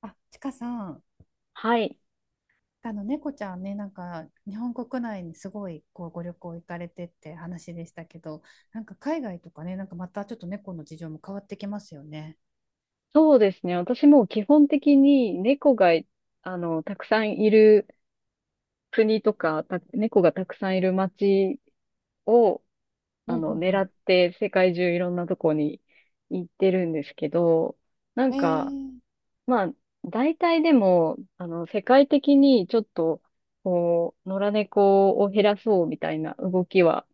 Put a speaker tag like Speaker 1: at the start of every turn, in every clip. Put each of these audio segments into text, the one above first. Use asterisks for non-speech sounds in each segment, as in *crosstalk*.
Speaker 1: あ、ちかさん、
Speaker 2: はい。
Speaker 1: あの猫ちゃんね、なんか日本国内にすごいこうご旅行行かれてって話でしたけど、なんか海外とかね、なんかまたちょっと猫の事情も変わってきますよね。
Speaker 2: そうですね。私も基本的に猫が、たくさんいる国とか、猫がたくさんいる街を、
Speaker 1: うんう
Speaker 2: 狙
Speaker 1: ん
Speaker 2: って世界中いろんなとこに行ってるんですけど、なん
Speaker 1: え
Speaker 2: か、
Speaker 1: ー、
Speaker 2: まあ、大体でも、世界的にちょっと、こう、野良猫を減らそうみたいな動きは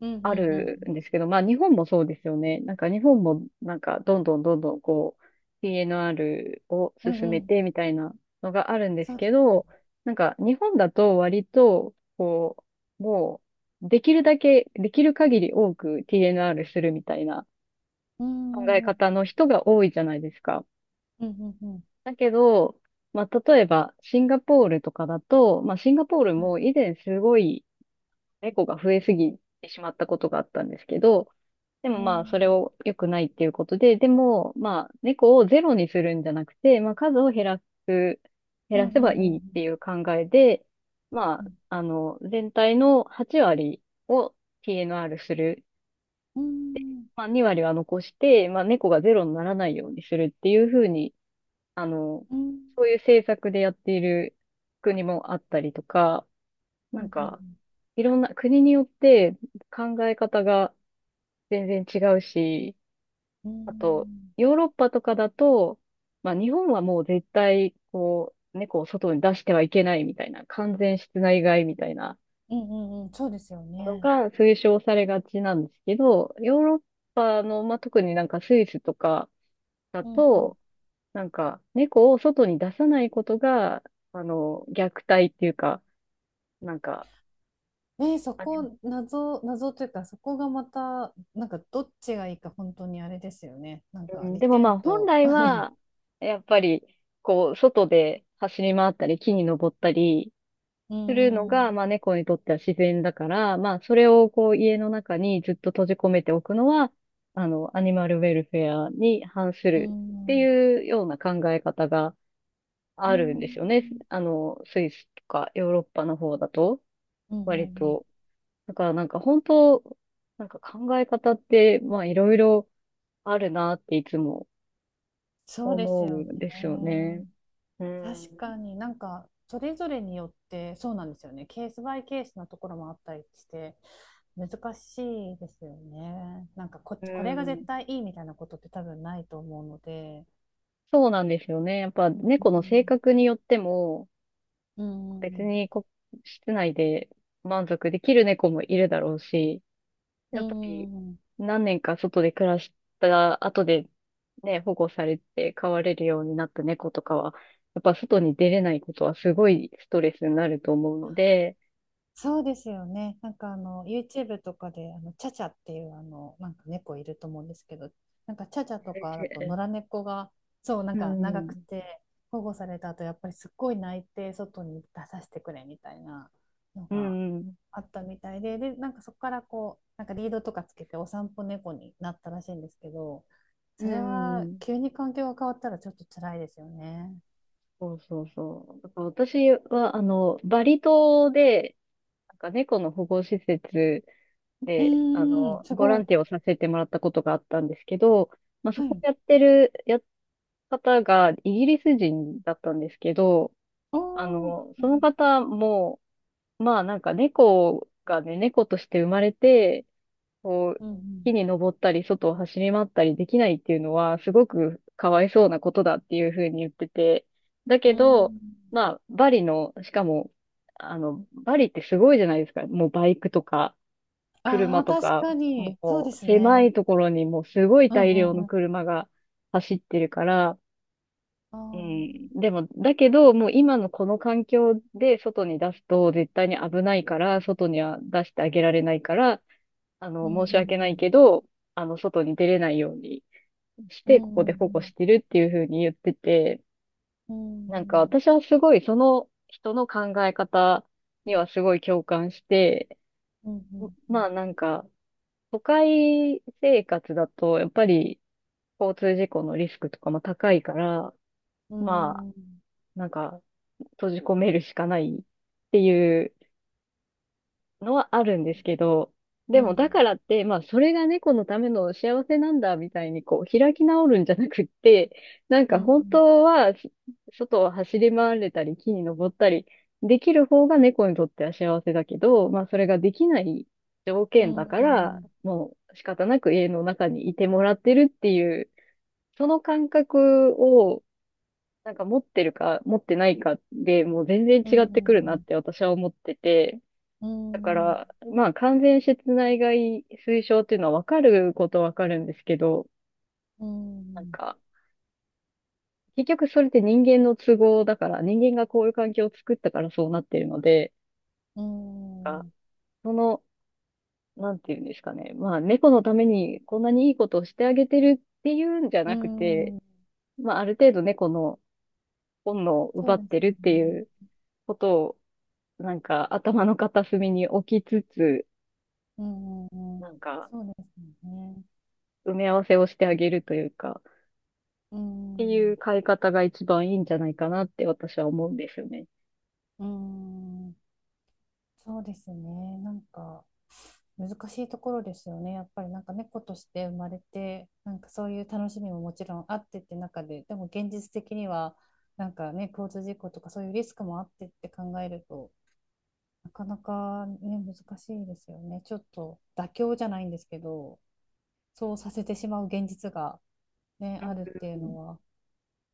Speaker 1: うん。うん
Speaker 2: あ
Speaker 1: うん
Speaker 2: る
Speaker 1: うん。
Speaker 2: んですけど、まあ日本もそうですよね。なんか日本もなんかどんどんどんどんこう PNR を
Speaker 1: うん
Speaker 2: 進
Speaker 1: う
Speaker 2: め
Speaker 1: ん。
Speaker 2: てみたいなのがあるんで
Speaker 1: そ
Speaker 2: す
Speaker 1: うで
Speaker 2: け
Speaker 1: す。
Speaker 2: ど、なんか日本だと割とこう、うできるだけ、できる限り多く TNR するみたいな
Speaker 1: うん
Speaker 2: 考
Speaker 1: う
Speaker 2: え
Speaker 1: んうん。
Speaker 2: 方の人が多いじゃないですか。
Speaker 1: うんうんうん
Speaker 2: だけど、まあ例えばシンガポールとかだと、まあシンガポール
Speaker 1: うん。
Speaker 2: も以前すごい猫が増えすぎてしまったことがあったんですけど、でも
Speaker 1: う
Speaker 2: まあ、それ
Speaker 1: ん
Speaker 2: を良くないっていうことで、でもまあ、猫をゼロにするんじゃなくて、まあ、数を減らす、減
Speaker 1: う
Speaker 2: らせばい
Speaker 1: んう
Speaker 2: いって
Speaker 1: ん。
Speaker 2: いう考えで、ま
Speaker 1: うん
Speaker 2: あ、全体の8割を TNR する。
Speaker 1: うん
Speaker 2: まあ、2割は残して、まあ、猫がゼロにならないようにするっていうふうに、あの、
Speaker 1: うん。
Speaker 2: そういう政策でやっている国もあったりとか、な
Speaker 1: うん
Speaker 2: ん
Speaker 1: うんうん。
Speaker 2: か、いろんな国によって考え方が全然違うし、
Speaker 1: う
Speaker 2: あと、
Speaker 1: ん
Speaker 2: ヨーロッパとかだと、まあ日本はもう絶対、こう、猫を外に出してはいけないみたいな、完全室内飼いみたいな
Speaker 1: うんうん。そうですよ
Speaker 2: の
Speaker 1: ね。
Speaker 2: が推奨されがちなんですけど、ヨーロッパの、まあ特になんかスイスとかだ
Speaker 1: うんうん。
Speaker 2: と、なんか猫を外に出さないことが、虐待っていうか、なんか、
Speaker 1: ね、そこ、謎というか、そこがまた、なんか、どっちがいいか、本当にあれですよね。なん
Speaker 2: う
Speaker 1: か、
Speaker 2: ん、
Speaker 1: 利
Speaker 2: でもま
Speaker 1: 点
Speaker 2: あ本
Speaker 1: と、
Speaker 2: 来は、やっぱり、こう、外で走り回ったり、木に登ったり
Speaker 1: うー
Speaker 2: するの
Speaker 1: ん、
Speaker 2: が、
Speaker 1: う
Speaker 2: まあ猫にとっては自然だから、まあそれをこう家の中にずっと閉じ込めておくのは、アニマルウェルフェアに反す
Speaker 1: ー
Speaker 2: るって
Speaker 1: ん、
Speaker 2: いうような考え方が
Speaker 1: うー
Speaker 2: あるんですよね。
Speaker 1: ん、
Speaker 2: あの、スイスとかヨーロッパの方だと、
Speaker 1: うんう
Speaker 2: 割
Speaker 1: んうん。
Speaker 2: と。だからなんか本当、なんか考え方って、まあいろいろあるなっていつも
Speaker 1: そうです
Speaker 2: 思う
Speaker 1: よ
Speaker 2: ん
Speaker 1: ね。
Speaker 2: ですよね。う
Speaker 1: 確
Speaker 2: ん。
Speaker 1: かになんか、それぞれによって、そうなんですよね。ケースバイケースなところもあったりして、難しいですよね。なんかこ、
Speaker 2: う
Speaker 1: これが絶
Speaker 2: ん。
Speaker 1: 対いいみたいなことって多分ないと思うので。
Speaker 2: そうなんですよね。やっぱ
Speaker 1: う
Speaker 2: 猫の性
Speaker 1: ん、
Speaker 2: 格によっても、
Speaker 1: う
Speaker 2: 別
Speaker 1: ん、
Speaker 2: にこ、室内で満足できる猫もいるだろうし、
Speaker 1: う
Speaker 2: やっぱり
Speaker 1: ん、うん、
Speaker 2: 何年か外で暮らした後でね、保護されて飼われるようになった猫とかは、やっぱ外に出れないことはすごいストレスになると思うので、
Speaker 1: そうですよね。なんかあの YouTube とかであのチャチャっていうあのなんか猫いると思うんですけど、なんかチャチャとかだと野良猫がそうなん
Speaker 2: う
Speaker 1: か長く
Speaker 2: ん、
Speaker 1: て保護された後やっぱりすっごい泣いて外に出させてくれみたいなの
Speaker 2: う
Speaker 1: が
Speaker 2: ん、うん、
Speaker 1: あったみたいで、でなんかそこからこうなんかリードとかつけてお散歩猫になったらしいんですけど、
Speaker 2: う
Speaker 1: それは
Speaker 2: ん。
Speaker 1: 急に環境が変わったらちょっと辛いですよね。
Speaker 2: そうそうそう。だから私は、バリ島で、なんか猫の保護施設
Speaker 1: う
Speaker 2: で、
Speaker 1: ーん、す
Speaker 2: ボ
Speaker 1: ご
Speaker 2: ラン
Speaker 1: い。
Speaker 2: ティアをさせてもらったことがあったんですけど、まあ、そ
Speaker 1: は
Speaker 2: こ
Speaker 1: い。
Speaker 2: やってる、や、方がイギリス人だったんですけど、
Speaker 1: おー。う
Speaker 2: その
Speaker 1: ん
Speaker 2: 方も、まあなんか猫がね、猫として生まれて、こう、
Speaker 1: うんう
Speaker 2: 木
Speaker 1: ん
Speaker 2: に登ったり、外を走り回ったりできないっていうのは、すごくかわいそうなことだっていうふうに言ってて、だ
Speaker 1: う
Speaker 2: けど、
Speaker 1: ん。
Speaker 2: バリの、しかも、バリってすごいじゃないですか。もうバイクとか、
Speaker 1: あ
Speaker 2: 車
Speaker 1: あ、
Speaker 2: と
Speaker 1: 確
Speaker 2: か、
Speaker 1: かに。そうで
Speaker 2: もう
Speaker 1: す
Speaker 2: 狭
Speaker 1: ね。
Speaker 2: いところにもうすごい
Speaker 1: うん
Speaker 2: 大
Speaker 1: う
Speaker 2: 量
Speaker 1: ん
Speaker 2: の
Speaker 1: うん。
Speaker 2: 車が走ってるから、
Speaker 1: あ
Speaker 2: う
Speaker 1: あ。
Speaker 2: ん、でも、だけど、もう今のこの環境で外に出すと絶対に危ないから、外には出してあげられないから、
Speaker 1: う
Speaker 2: 申し訳ない
Speaker 1: ん
Speaker 2: けど、外に出れないようにし
Speaker 1: う
Speaker 2: て、
Speaker 1: ん
Speaker 2: こ
Speaker 1: うん。う
Speaker 2: こ
Speaker 1: ん
Speaker 2: で
Speaker 1: う
Speaker 2: 保
Speaker 1: ん
Speaker 2: 護
Speaker 1: う
Speaker 2: してるっていうふうに言ってて、なんか
Speaker 1: ん。
Speaker 2: 私はすごいその人の考え方にはすごい共感して、
Speaker 1: うんうんう
Speaker 2: ま
Speaker 1: ん。
Speaker 2: あなんか、都会生活だと、やっぱり交通事故のリスクとかも高いから、
Speaker 1: う
Speaker 2: まあ、
Speaker 1: ん
Speaker 2: なんか、閉じ込めるしかないっていうのはあるんですけど、
Speaker 1: う
Speaker 2: で
Speaker 1: んう
Speaker 2: もだ
Speaker 1: ん。
Speaker 2: からって、まあそれが猫のための幸せなんだみたいにこう開き直るんじゃなくって、なんか
Speaker 1: う
Speaker 2: 本当はし外を走り回れたり木に登ったりできる方が猫にとっては幸せだけど、まあそれができない条
Speaker 1: んう
Speaker 2: 件だ
Speaker 1: ん
Speaker 2: か
Speaker 1: う
Speaker 2: ら、
Speaker 1: ん。
Speaker 2: もう仕方なく家の中にいてもらってるっていう、その感覚をなんか持ってるか持ってないかでもう全然
Speaker 1: う
Speaker 2: 違ってくるなっ
Speaker 1: ん
Speaker 2: て私は思ってて、
Speaker 1: う
Speaker 2: だか
Speaker 1: ん
Speaker 2: ら、まあ完全室内外推奨っていうのはわかることはわかるんですけど、
Speaker 1: う
Speaker 2: なん
Speaker 1: ん。
Speaker 2: か、結局それって人間の都合だから、人間がこういう環境を作ったからそうなってるので、あその、なんていうんですかね。まあ猫のためにこんなにいいことをしてあげてるっていうんじゃ
Speaker 1: う
Speaker 2: なくて、
Speaker 1: ん。
Speaker 2: まあある程度猫の本能を
Speaker 1: そ
Speaker 2: 奪
Speaker 1: うで
Speaker 2: っ
Speaker 1: す
Speaker 2: て
Speaker 1: よ
Speaker 2: るって
Speaker 1: ね。
Speaker 2: いうことを、なんか頭の片隅に置きつつ、
Speaker 1: うんうんう
Speaker 2: な
Speaker 1: ん。
Speaker 2: んか
Speaker 1: そうですよね。
Speaker 2: 埋め合わせをしてあげるというか、
Speaker 1: う
Speaker 2: てい
Speaker 1: ん。
Speaker 2: う買い方が一番いいんじゃないかなって私は思うんですよね。
Speaker 1: うん。そうですね。なんか。難しいところですよね。やっぱりなんか猫として生まれて、なんかそういう楽しみももちろんあってって中で、でも現実的には、なんかね、交通事故とかそういうリスクもあってって考えると、なかなかね、難しいですよね。ちょっと妥協じゃないんですけど、そうさせてしまう現実がね、
Speaker 2: う
Speaker 1: あるっていうの
Speaker 2: ん。
Speaker 1: は。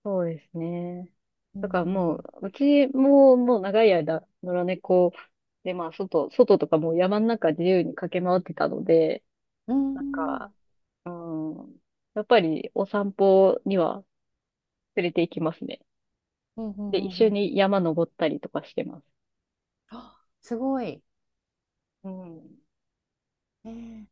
Speaker 2: そうですね。
Speaker 1: う
Speaker 2: だからもう、
Speaker 1: ん
Speaker 2: うちももう長い間、野良猫で、外とかもう山の中自由に駆け回ってたので、
Speaker 1: うん。
Speaker 2: な
Speaker 1: う
Speaker 2: ん
Speaker 1: んうん。
Speaker 2: か、うん、やっぱりお散歩には連れて行きますね。
Speaker 1: うんう
Speaker 2: で、一
Speaker 1: んう
Speaker 2: 緒
Speaker 1: んうん。
Speaker 2: に山登ったりとかしてます。
Speaker 1: あすごい。
Speaker 2: うん。
Speaker 1: えー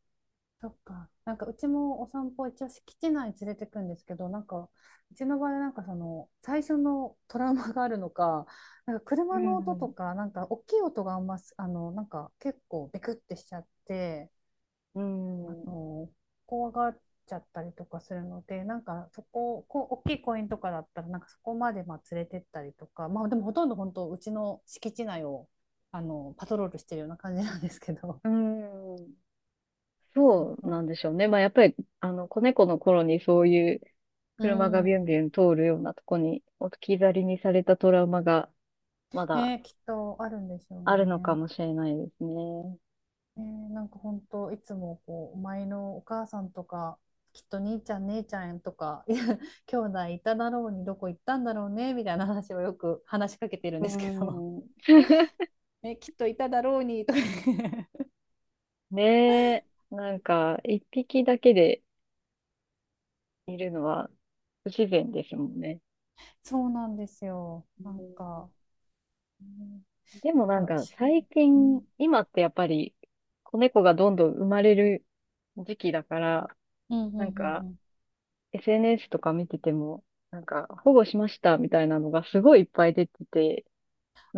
Speaker 1: そっか。なんかうちもお散歩一応敷地内に連れてくんですけど、なんかうちの場合なんかその最初のトラウマがあるのか、なんか
Speaker 2: う
Speaker 1: 車の音と
Speaker 2: ん
Speaker 1: か、なんか大きい音があんます、あの、なんか結構ビクってしちゃって、
Speaker 2: う
Speaker 1: あ
Speaker 2: ん。
Speaker 1: の、怖がっちゃったりとかするので、なんかそこ、こう、大きい公園とかだったら、なんかそこまでまあ連れてったりとか、まあでもほとんど本当うちの敷地内をあのパトロールしてるような感じなんですけど。
Speaker 2: うん。
Speaker 1: そう
Speaker 2: そうな
Speaker 1: そ
Speaker 2: んでしょうね。まあ、やっぱり、子猫の頃にそういう
Speaker 1: う。う
Speaker 2: 車がビュンビ
Speaker 1: ん。
Speaker 2: ュン通るようなとこに置き去りにされたトラウマがまだ
Speaker 1: ね、きっとあるんでしょう
Speaker 2: あるのか
Speaker 1: ね。
Speaker 2: もしれないですね。
Speaker 1: なんか本当いつもこうお前のお母さんとかきっと兄ちゃん姉ちゃんとかいや兄弟いただろうにどこ行ったんだろうねみたいな話をよく話しかけてるん
Speaker 2: う
Speaker 1: ですけど
Speaker 2: ん。
Speaker 1: *laughs* ねきっといただろうにとか *laughs*
Speaker 2: ねえ、なんか、一匹だけでいるのは不自然ですもんね。
Speaker 1: そうなんですよ
Speaker 2: う
Speaker 1: なん
Speaker 2: ん。
Speaker 1: か、うん
Speaker 2: で
Speaker 1: だ
Speaker 2: もな
Speaker 1: か
Speaker 2: ん
Speaker 1: ら
Speaker 2: か、
Speaker 1: し、
Speaker 2: 最
Speaker 1: う
Speaker 2: 近、
Speaker 1: ん、
Speaker 2: 今ってやっぱり、子猫がどんどん生まれる時期だから、
Speaker 1: うんう
Speaker 2: なん
Speaker 1: んうん
Speaker 2: か、
Speaker 1: うん
Speaker 2: SNS とか見てても、保護しましたみたいなのがすごいいっぱい出てて、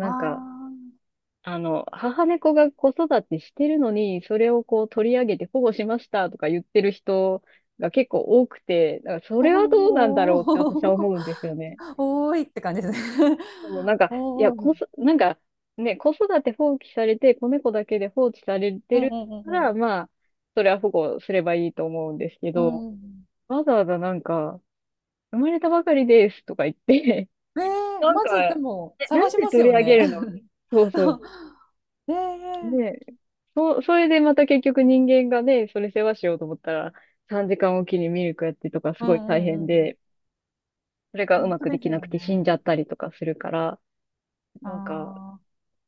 Speaker 1: あ
Speaker 2: んか、
Speaker 1: ー
Speaker 2: 母猫が子育てしてるのに、それをこう取り上げて保護しましたとか言ってる人が結構多くて、だからそれはどうなんだ
Speaker 1: お
Speaker 2: ろうって私は思
Speaker 1: ー
Speaker 2: うんですよね。
Speaker 1: *laughs* おーいって感じですね
Speaker 2: そうなん
Speaker 1: *laughs*
Speaker 2: か、いや、
Speaker 1: おーい
Speaker 2: こそ、なんか、ね、子育て放棄されて、子猫だけで放置され
Speaker 1: う
Speaker 2: て
Speaker 1: ん
Speaker 2: る
Speaker 1: うんうん
Speaker 2: か
Speaker 1: う
Speaker 2: ら、
Speaker 1: ん
Speaker 2: まあ、それは保護すればいいと思うんですけ
Speaker 1: う
Speaker 2: ど、
Speaker 1: ん。
Speaker 2: わざわざなんか、生まれたばかりですとか言って、
Speaker 1: ねええ、
Speaker 2: なん
Speaker 1: ま
Speaker 2: か、
Speaker 1: ずでも
Speaker 2: えな
Speaker 1: 探
Speaker 2: ん
Speaker 1: し
Speaker 2: で
Speaker 1: ます
Speaker 2: 取
Speaker 1: よ
Speaker 2: り上
Speaker 1: ね。
Speaker 2: げるの。
Speaker 1: *laughs*
Speaker 2: そうそう。
Speaker 1: え
Speaker 2: ね
Speaker 1: え。
Speaker 2: え、そう、それでまた結局人間がね、それ世話しようと思ったら、3時間おきにミルクやってとかす
Speaker 1: うん
Speaker 2: ごい
Speaker 1: う
Speaker 2: 大
Speaker 1: んう
Speaker 2: 変
Speaker 1: んうん。
Speaker 2: で、それがう
Speaker 1: 本
Speaker 2: ま
Speaker 1: 当
Speaker 2: くで
Speaker 1: です
Speaker 2: きな
Speaker 1: よ
Speaker 2: くて死んじゃ
Speaker 1: ね。
Speaker 2: ったりとかするから、なんか、
Speaker 1: あ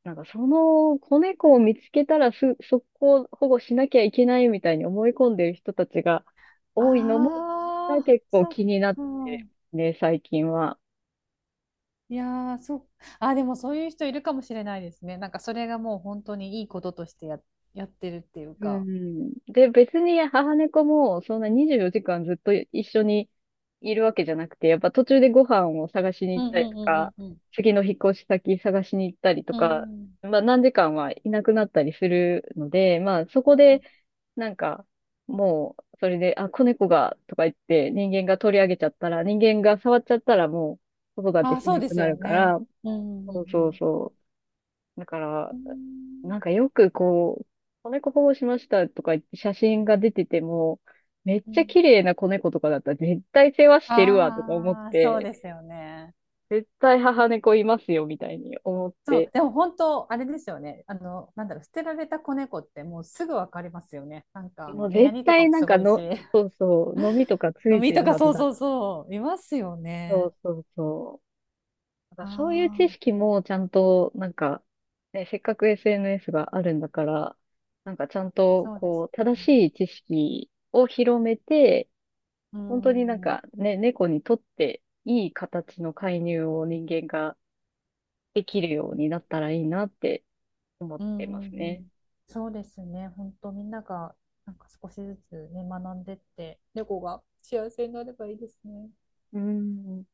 Speaker 2: なんかその子猫を見つけたら速攻保護しなきゃいけないみたいに思い込んでる人たちが
Speaker 1: あ、
Speaker 2: 多いのも、
Speaker 1: ああ、
Speaker 2: 結構
Speaker 1: そっ
Speaker 2: 気になっ
Speaker 1: か。
Speaker 2: てね、最近は。
Speaker 1: いやー、あー、でもそういう人いるかもしれないですね。なんかそれがもう本当にいいこととしてやってるっていう
Speaker 2: う
Speaker 1: か。
Speaker 2: ん。で、別に母猫もそんな24時間ずっと一緒にいるわけじゃなくて、やっぱ途中でご飯を探しに
Speaker 1: う
Speaker 2: 行
Speaker 1: ん
Speaker 2: った
Speaker 1: う
Speaker 2: り
Speaker 1: ん
Speaker 2: と
Speaker 1: う
Speaker 2: か、
Speaker 1: んうん
Speaker 2: 次の引っ越し先探しに行ったりと
Speaker 1: うん。
Speaker 2: か、
Speaker 1: うん。
Speaker 2: まあ何時間はいなくなったりするので、まあそこでなんかもうそれで、あ、子猫がとか言って人間が取り上げちゃったら、人間が触っちゃったらもう子育て
Speaker 1: あー、
Speaker 2: し
Speaker 1: そう
Speaker 2: な
Speaker 1: で
Speaker 2: く
Speaker 1: す
Speaker 2: な
Speaker 1: よ
Speaker 2: るか
Speaker 1: ね。
Speaker 2: ら、
Speaker 1: うんう
Speaker 2: そう
Speaker 1: んう
Speaker 2: そう
Speaker 1: ん
Speaker 2: そう。だから、
Speaker 1: うん。
Speaker 2: なんかよくこう、子猫保護しましたとか言って写真が出てても、めっ
Speaker 1: う
Speaker 2: ちゃ
Speaker 1: ん。
Speaker 2: 綺麗な子猫とかだったら絶対世話してるわとか思っ
Speaker 1: ああー、そう
Speaker 2: て、
Speaker 1: ですよね。
Speaker 2: 絶対母猫いますよみたいに思っ
Speaker 1: そう、
Speaker 2: て、
Speaker 1: でも本当、あれですよね。あの、なんだろう、捨てられた子猫ってもうすぐわかりますよね。なんか、
Speaker 2: もう
Speaker 1: 目や
Speaker 2: 絶
Speaker 1: にとか
Speaker 2: 対
Speaker 1: も
Speaker 2: な
Speaker 1: す
Speaker 2: んか
Speaker 1: ごい
Speaker 2: の、
Speaker 1: し、
Speaker 2: そ
Speaker 1: *laughs*
Speaker 2: うそう、のみとかつ
Speaker 1: 飲
Speaker 2: い
Speaker 1: み
Speaker 2: て
Speaker 1: と
Speaker 2: る
Speaker 1: か
Speaker 2: はず
Speaker 1: そう
Speaker 2: だ
Speaker 1: そ
Speaker 2: か
Speaker 1: う
Speaker 2: ら。
Speaker 1: そう、いますよ
Speaker 2: そ
Speaker 1: ね。
Speaker 2: うそうそう。な
Speaker 1: あ
Speaker 2: んかそういう知
Speaker 1: あ、
Speaker 2: 識もちゃんと、なんか、ね、せっかく SNS があるんだから、なんかちゃんと
Speaker 1: そうです
Speaker 2: こう、正
Speaker 1: ね。
Speaker 2: しい知識を広めて、
Speaker 1: う
Speaker 2: 本当になん
Speaker 1: ん、うん、
Speaker 2: かね、猫にとっていい形の介入を人間ができるようになったらいいなって思っ
Speaker 1: う
Speaker 2: てま
Speaker 1: ん、
Speaker 2: す
Speaker 1: う
Speaker 2: ね。
Speaker 1: ん。そうですね。本当、みんなが、なんか少しずつね、学んでって、猫が幸せになればいいですね。
Speaker 2: うん。